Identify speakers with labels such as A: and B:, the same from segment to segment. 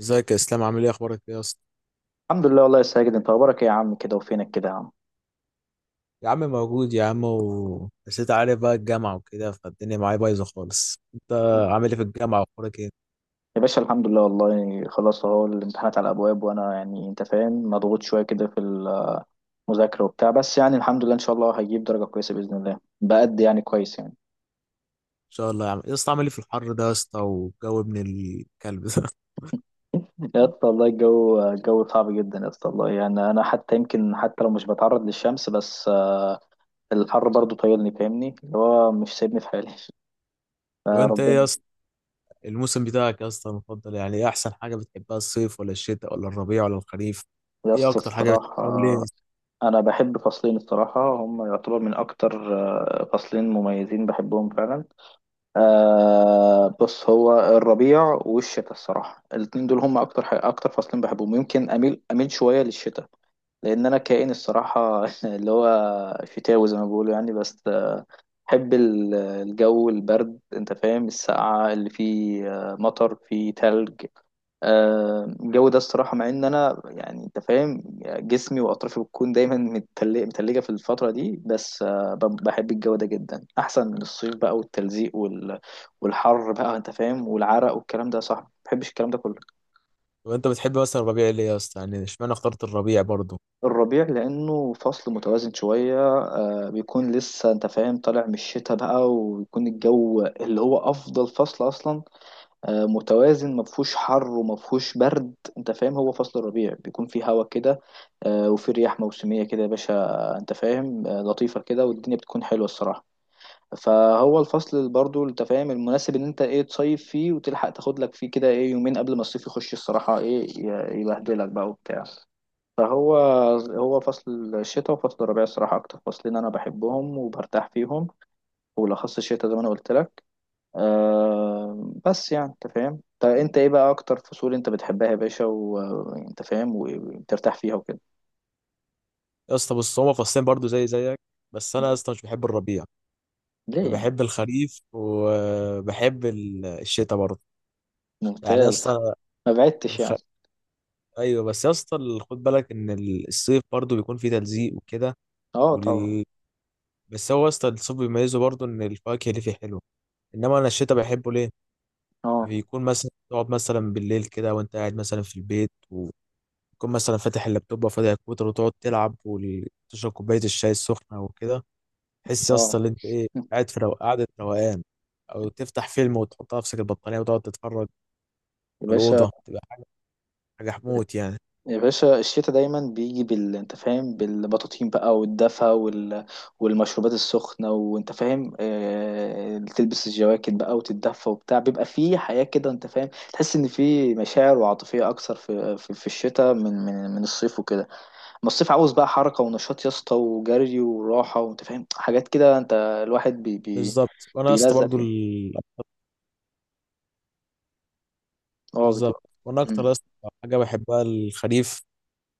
A: ازيك يا اسلام، عامل ايه؟ اخبارك ايه يا اسطى؟
B: الحمد لله والله يا ساجد، انت اخبارك ايه يا عم؟ كده وفينك كده يا عم؟
A: يا عم موجود يا عم، بس انت عارف بقى الجامعه وكده، فالدنيا معايا بايظه خالص. انت عامل ايه في الجامعه؟ واخبارك ايه؟ ان
B: يا باشا الحمد لله والله. خلاص اهو الامتحانات على الابواب، وانا يعني انت فاهم مضغوط شويه كده في المذاكره وبتاع. بس يعني الحمد لله ان شاء الله هجيب درجه كويسه باذن الله بقد يعني كويس يعني.
A: شاء الله يا عم. يا اسطى عامل ايه في الحر ده يا اسطى؟ والجو ابن الكلب ده.
B: يا اسطى والله الجو صعب جدا يا اسطى. والله يعني انا حتى يمكن حتى لو مش بتعرض للشمس، بس الحر برضو طايلني، فاهمني اللي هو مش سايبني في حالي.
A: طب
B: آه،
A: انت ايه يا
B: ربنا.
A: اسطى الموسم بتاعك يا اسطى المفضل؟ يعني ايه احسن حاجه بتحبها؟ الصيف ولا الشتاء ولا الربيع ولا الخريف؟
B: يا
A: ايه
B: اسطى
A: اكتر حاجه بتحبها وليه يا
B: الصراحه،
A: اسطى؟
B: انا بحب فصلين الصراحه، هم يعتبر من اكتر فصلين مميزين بحبهم فعلا. بص، هو الربيع والشتاء الصراحه. الاتنين دول هم اكتر حاجة، اكتر فصلين بحبهم. يمكن اميل شويه للشتاء، لان انا كائن الصراحه، اللي هو شتاوي زي ما بيقولوا يعني. بس بحب الجو البرد، انت فاهم السقعه اللي فيه، مطر فيه تلج. الجو ده الصراحه، مع ان انا يعني انت فاهم جسمي واطرافي بتكون دايما متلجه في الفتره دي. بس بحب الجو ده جدا احسن من الصيف بقى، والتلزيق والحر بقى انت فاهم، والعرق والكلام ده. صح، ما بحبش الكلام ده كله.
A: طب انت بتحب مثلا الربيع ليه يا اسطى؟ يعني اشمعنى اخترت الربيع برضه؟
B: الربيع لأنه فصل متوازن شوية، بيكون لسه أنت فاهم طالع من الشتاء بقى، ويكون الجو اللي هو أفضل فصل أصلا. متوازن، مفهوش حر ومفهوش برد، أنت فاهم هو فصل الربيع بيكون فيه هوا كده. وفيه رياح موسمية كده يا باشا، أنت فاهم، لطيفة كده، والدنيا بتكون حلوة الصراحة. فهو الفصل اللي برضه أنت فاهم المناسب، إن أنت إيه تصيف فيه وتلحق تاخد لك فيه كده إيه يومين قبل ما الصيف يخش الصراحة إيه يبهدلك بقى وبتاع. فهو هو فصل الشتاء وفصل الربيع الصراحة أكتر فصلين أنا بحبهم وبرتاح فيهم، وبالأخص الشتاء زي ما أنا قلت لك. بس يعني أنت فاهم. طب أنت إيه بقى أكتر فصول أنت بتحبها يا باشا، وأنت فاهم وبترتاح فيها وكده؟
A: يا اسطى بص، هما فصلين برضه زي زيك، بس انا يا
B: مم.
A: اسطى مش بحب الربيع.
B: ليه
A: انا
B: يعني؟
A: بحب الخريف وبحب الشتاء برضه، يعني يا
B: ممتاز.
A: اسطى
B: ما بعدتش
A: الخ...
B: يعني.
A: ايوه، بس يا اسطى خد بالك ان الصيف برضه بيكون فيه تلزيق وكده،
B: أه، طبعا.
A: ولل... بس هو يا اسطى الصيف بيميزه برضه ان الفواكه اللي فيه حلوه. انما انا الشتاء بحبه ليه؟
B: أه،
A: بيكون مثلا تقعد مثلا بالليل كده، وانت قاعد مثلا في البيت، وتكون مثلا فاتح اللابتوب وفاتح الكمبيوتر، وتقعد تلعب وتشرب كوبايه الشاي السخنه وكده. تحس يا
B: أه،
A: اسطى ان انت ايه، قاعد في قاعده روقان. او تفتح فيلم وتحط على نفسك البطانيه وتقعد تتفرج،
B: يا باشا،
A: الأوضة تبقى حاجة حموت يعني.
B: يا باشا، الشتاء دايما بيجي انت فاهم بالبطاطين بقى والدفا والمشروبات السخنة، وانت فاهم تلبس الجواكت بقى وتتدفى وبتاع. بيبقى فيه حياة كده انت فاهم، تحس ان فيه مشاعر وعاطفية اكثر في الشتاء، من الصيف وكده. اما الصيف عاوز بقى حركة ونشاط يا اسطى، وجري وراحة وانت فاهم حاجات كده، انت الواحد
A: بالظبط، وأنا يا اسطى
B: بيلزق
A: برضو
B: فيها. اه
A: بالظبط،
B: بتبقى.
A: وأنا أكتر يا
B: مم.
A: اسطى حاجة بحبها الخريف،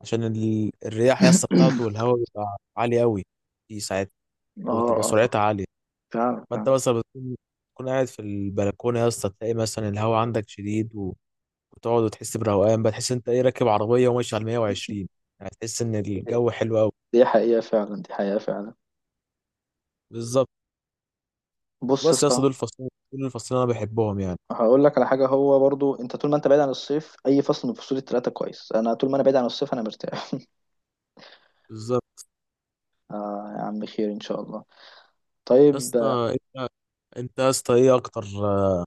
A: عشان الرياح يا اسطى بتاعته، والهواء بيبقى عالي أوي، دي ساعات أو بتبقى
B: اه، اه،
A: سرعتها عالية.
B: فعلا
A: فأنت
B: فعلا.
A: مثلا تكون قاعد في البلكونة يا اسطى، تلاقي مثلا الهواء عندك شديد وتقعد وتحس بروقان بقى، تحس أنت إيه، راكب عربية وماشي على 120، يعني تحس إن الجو حلو أوي.
B: دي حقيقة فعلا، دي حقيقة فعلا.
A: بالظبط.
B: بص يا
A: بس يا اسطى
B: اسطى،
A: دول الفصلين أنا بحبهم يعني.
B: هقول لك على حاجه، هو برضو انت طول ما انت بعيد عن الصيف اي فصل من فصول الثلاثه كويس. انا طول ما انا بعيد عن الصيف انا مرتاح.
A: بالظبط.
B: يا عم خير ان شاء الله.
A: يا
B: طيب،
A: اسطى انت يا اسطى ايه اكتر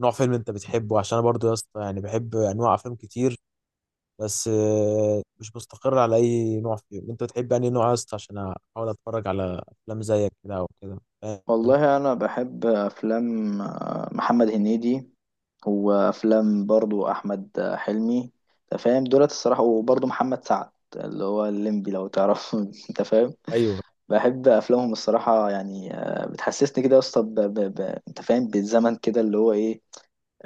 A: نوع فيلم انت بتحبه، عشان انا برضه يا اسطى يعني بحب انواع افلام كتير، بس مش مستقر على اي نوع فيهم. انت بتحب انهي نوع يا اسطى؟ عشان احاول اتفرج على افلام زيك كده او كده، فاهم.
B: والله انا بحب افلام محمد هنيدي، وافلام برضو احمد حلمي، انت فاهم دولت الصراحه، وبرضو محمد سعد اللي هو الليمبي لو تعرف. انت فاهم،
A: ايوه،
B: بحب افلامهم الصراحه يعني. بتحسسني كده يا اسطى، انت فاهم بالزمن كده، اللي هو ايه،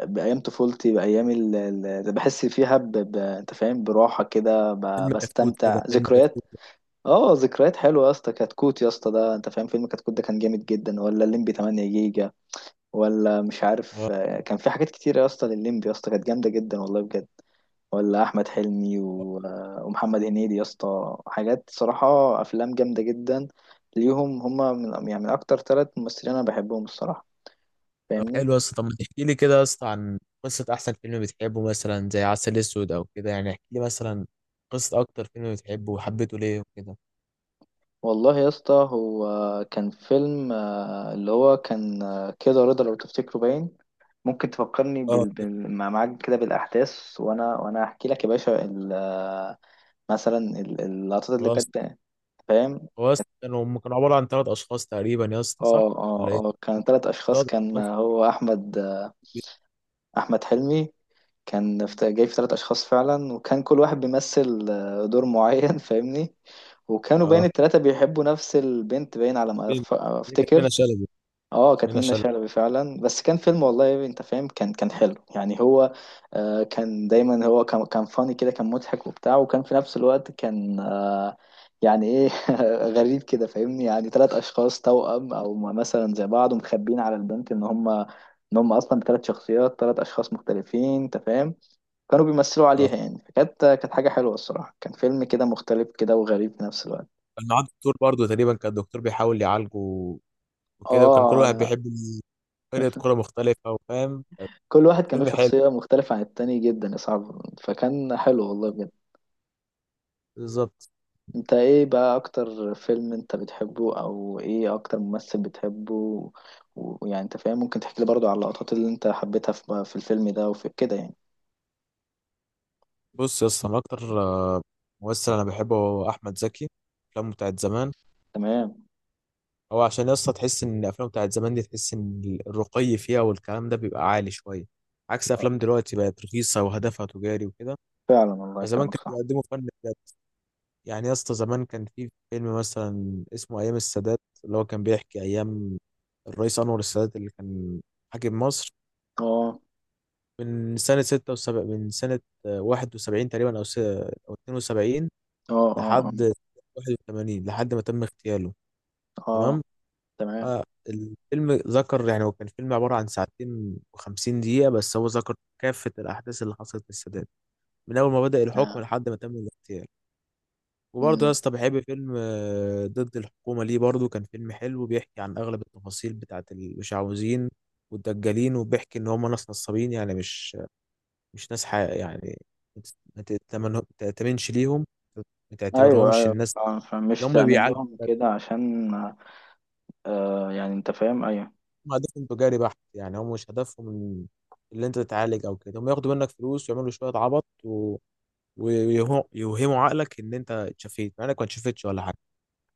B: بأيام طفولتي، بأيام اللي بحس فيها أنت فاهم براحة كده،
A: فيلم كتكوت كده،
B: بستمتع
A: فيلم
B: ذكريات.
A: كتكوت.
B: اه، ذكريات حلوة يا اسطى. كتكوت يا اسطى، ده أنت فاهم فيلم كتكوت ده كان جامد جدا، ولا الليمبي 8 جيجا، ولا مش
A: اه
B: عارف. كان في حاجات كتير يا اسطى، للليمبي يا اسطى كانت جامدة جدا والله بجد. ولا أحمد حلمي و... آه، ومحمد هنيدي يا اسطى، حاجات صراحة أفلام جامدة جدا، ليهم. هما من يعني من أكتر ثلاث ممثلين أنا بحبهم الصراحة، فاهمني.
A: حلو يا اسطى. طب ما تحكي لي كده يا اسطى عن قصه احسن فيلم بتحبه، مثلا زي عسل اسود او كده، يعني احكي لي مثلا قصه اكتر فيلم بتحبه وحبيته ليه وكده.
B: والله يا اسطى، هو كان فيلم اللي هو كان كده رضا لو تفتكره باين. ممكن تفكرني
A: اه
B: معاك كده بالأحداث، وأنا أحكي لك يا باشا ال... آه، مثلا اللقطات اللي
A: خلاص.
B: كانت، فاهم؟
A: هو أصلاً كانوا عبارة عن ثلاث أشخاص تقريبا يا اسطى، صح؟
B: اه، اه،
A: ولا إيه؟
B: اه، كان ثلاث أشخاص،
A: ثلاث
B: كان
A: أشخاص.
B: هو أحمد أحمد حلمي. كان جاي في ثلاث أشخاص فعلا، وكان كل واحد بيمثل دور معين فاهمني. وكانوا باين
A: اه
B: التلاتة بيحبوا نفس البنت، باين على ما
A: مين؟ هي كانت منى
B: أفتكر.
A: شلبي.
B: اه، كانت
A: منى
B: منة
A: شلبي.
B: شلبي فعلا. بس كان فيلم والله انت فاهم، كان حلو يعني. هو كان دايما، هو كان فاني كده، كان مضحك وبتاع، وكان في نفس الوقت كان يعني ايه. غريب كده فاهمني، يعني ثلاث اشخاص توأم او مثلا زي بعض، ومخبين على البنت ان هم اصلا بثلاث شخصيات، ثلاث اشخاص مختلفين انت فاهم. كانوا بيمثلوا
A: اه،
B: عليها يعني. فكانت حاجة حلوة الصراحة، كان فيلم كده مختلف كده وغريب في نفس الوقت.
A: كان معاه دكتور برضه تقريبا، كان الدكتور بيحاول يعالجه وكده، وكان كل
B: اه،
A: واحد
B: انا
A: بيحب فرقة كورة مختلفة، وفاهم، كان
B: كل واحد كان له
A: فيلم حلو.
B: شخصية مختلفة عن التاني جدا، يا صعب فكان حلو والله بجد.
A: بالظبط.
B: انت ايه بقى اكتر فيلم انت بتحبه، او ايه اكتر ممثل بتحبه ويعني انت فاهم، ممكن تحكي لي برضو على اللقطات اللي انت حبيتها في الفيلم ده وفي كده يعني؟
A: بص يا اسطى، أنا أكتر ممثل أنا بحبه هو أحمد زكي، أفلامه بتاعت زمان.
B: تمام.
A: هو عشان يا اسطى تحس إن الأفلام بتاعت زمان دي، تحس إن الرقي فيها والكلام ده بيبقى عالي شوية، عكس أفلام
B: آه،
A: دلوقتي، بقت رخيصة وهدفها تجاري وكده.
B: فعلا والله
A: زمان
B: كلامك
A: كانوا
B: صح.
A: بيقدموا فن بجد. يعني يا اسطى زمان كان في فيلم مثلا اسمه ايام السادات، اللي هو كان بيحكي ايام الرئيس انور السادات اللي كان حاكم مصر
B: اه،
A: من سنة 71 تقريبا، أو 72،
B: اه، اه، اه،
A: لحد 81، لحد ما تم اغتياله.
B: آه،
A: تمام.
B: تمام
A: الفيلم ذكر، يعني هو كان فيلم عبارة عن ساعتين وخمسين دقيقة، بس هو ذكر كافة الأحداث اللي حصلت للسادات من أول ما بدأ الحكم
B: آه.
A: لحد ما تم الاغتيال. وبرضه يا
B: مم.
A: اسطى بحب فيلم ضد الحكومة. ليه برضه كان فيلم حلو؟ بيحكي عن أغلب التفاصيل بتاعة المشعوذين والدجالين، وبيحكي إن هم ناس نصابين، يعني مش ناس حق يعني، ما تأتمنش ليهم، ما
B: ايوه،
A: تعتبرهمش.
B: ايوه،
A: الناس
B: فعلا فعلا. مش
A: اللي هم
B: تأمن
A: بيعالجوا
B: لهم كده عشان يعني انت فاهم، ايوه،
A: هم هدفهم تجاري بحت، يعني هم مش هدفهم اللي أنت تتعالج أو كده، هم ياخدوا منك فلوس ويعملوا شوية عبط ويوهموا عقلك إن أنت اتشفيت مع إنك ما اتشفتش ولا حاجة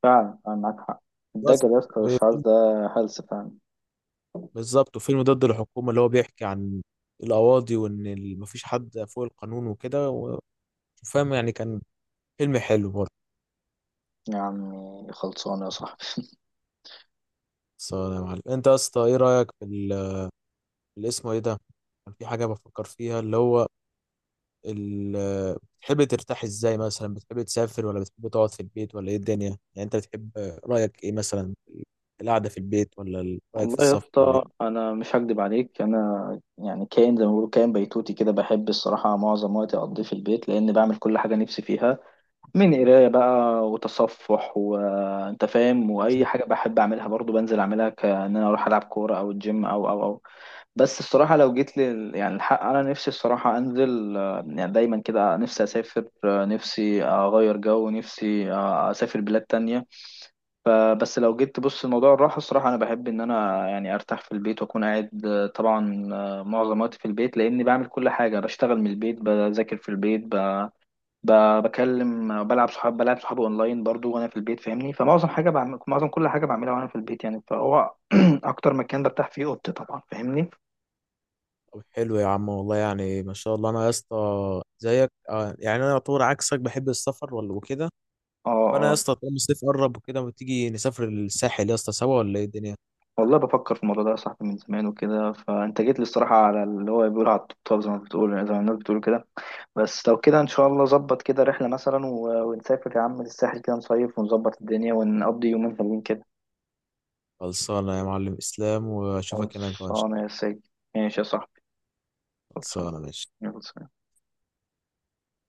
B: فعلا فعلا معاك حق.
A: بس.
B: الدجل يا اسطى والشعار ده هلس فعلا.
A: بالظبط. وفيلم ضد الحكومة اللي هو بيحكي عن القواضي، وإن مفيش حد فوق القانون وكده وفاهم يعني، كان فيلم حلو برضه.
B: يا عمي خلصانة يا صاحبي.
A: بس يا معلم، أنت يا اسطى إيه رأيك في اللي اسمه إيه ده؟ كان في حاجة بفكر فيها، اللي هو بتحب ترتاح إزاي؟ مثلا بتحب تسافر، ولا بتحب تقعد في البيت، ولا إيه الدنيا؟ يعني أنت بتحب، رأيك إيه مثلا، القعدة في البيت ولا رأيك في
B: والله يا
A: السفر، ولا إيه؟
B: اسطى أنا مش هكدب عليك، أنا يعني كائن زي ما بيقولوا، كائن بيتوتي كده، بحب الصراحة معظم وقتي أقضيه في البيت لأن بعمل كل حاجة نفسي فيها، من قراية بقى وتصفح وأنت فاهم، وأي حاجة بحب أعملها برضو بنزل أعملها، كأن أنا أروح ألعب كورة أو الجيم أو بس الصراحة لو جيت يعني الحق أنا نفسي الصراحة أنزل، يعني دايما كده نفسي أسافر، نفسي أغير جو، نفسي أسافر بلاد تانية. فبس لو جيت تبص لموضوع الراحة الصراحة، أنا بحب إن أنا يعني أرتاح في البيت وأكون قاعد، طبعا، معظم وقتي في البيت لأني بعمل كل حاجة، بشتغل من البيت، بذاكر في البيت، بكلم، بلعب بلعب صحابي أونلاين برضو وأنا في البيت فاهمني. فمعظم حاجة بعمل، معظم كل حاجة بعملها وأنا في البيت يعني. فهو أكتر مكان برتاح فيه أوضتي طبعا، فاهمني.
A: طب حلو يا عم، والله يعني ما شاء الله. أنا يا اسطى زيك، يعني أنا يعتبر عكسك، بحب السفر ولا وكده.
B: اه،
A: فانا يا
B: آه.
A: اسطى طالما الصيف قرب وكده، ما تيجي نسافر الساحل يا اسطى سوا، ولا ايه الدنيا؟
B: والله بفكر في الموضوع ده يا صاحبي من زمان وكده، فانت جيت لي الصراحه على اللي هو بيقول على الطبطاب، زي ما الناس بتقول كده. بس لو كده ان شاء الله ظبط كده رحله مثلا ونسافر يا عم للساحل كده، نصيف ونظبط الدنيا ونقضي يومين حلوين كده.
A: خلصانه يا معلم اسلام، واشوفك هناك بقى إن شاء
B: خلصانه يا سيدي. ماشي يا صاحبي.
A: الله.
B: خلصانه.
A: خلصانه ماشي.
B: يلا سلام.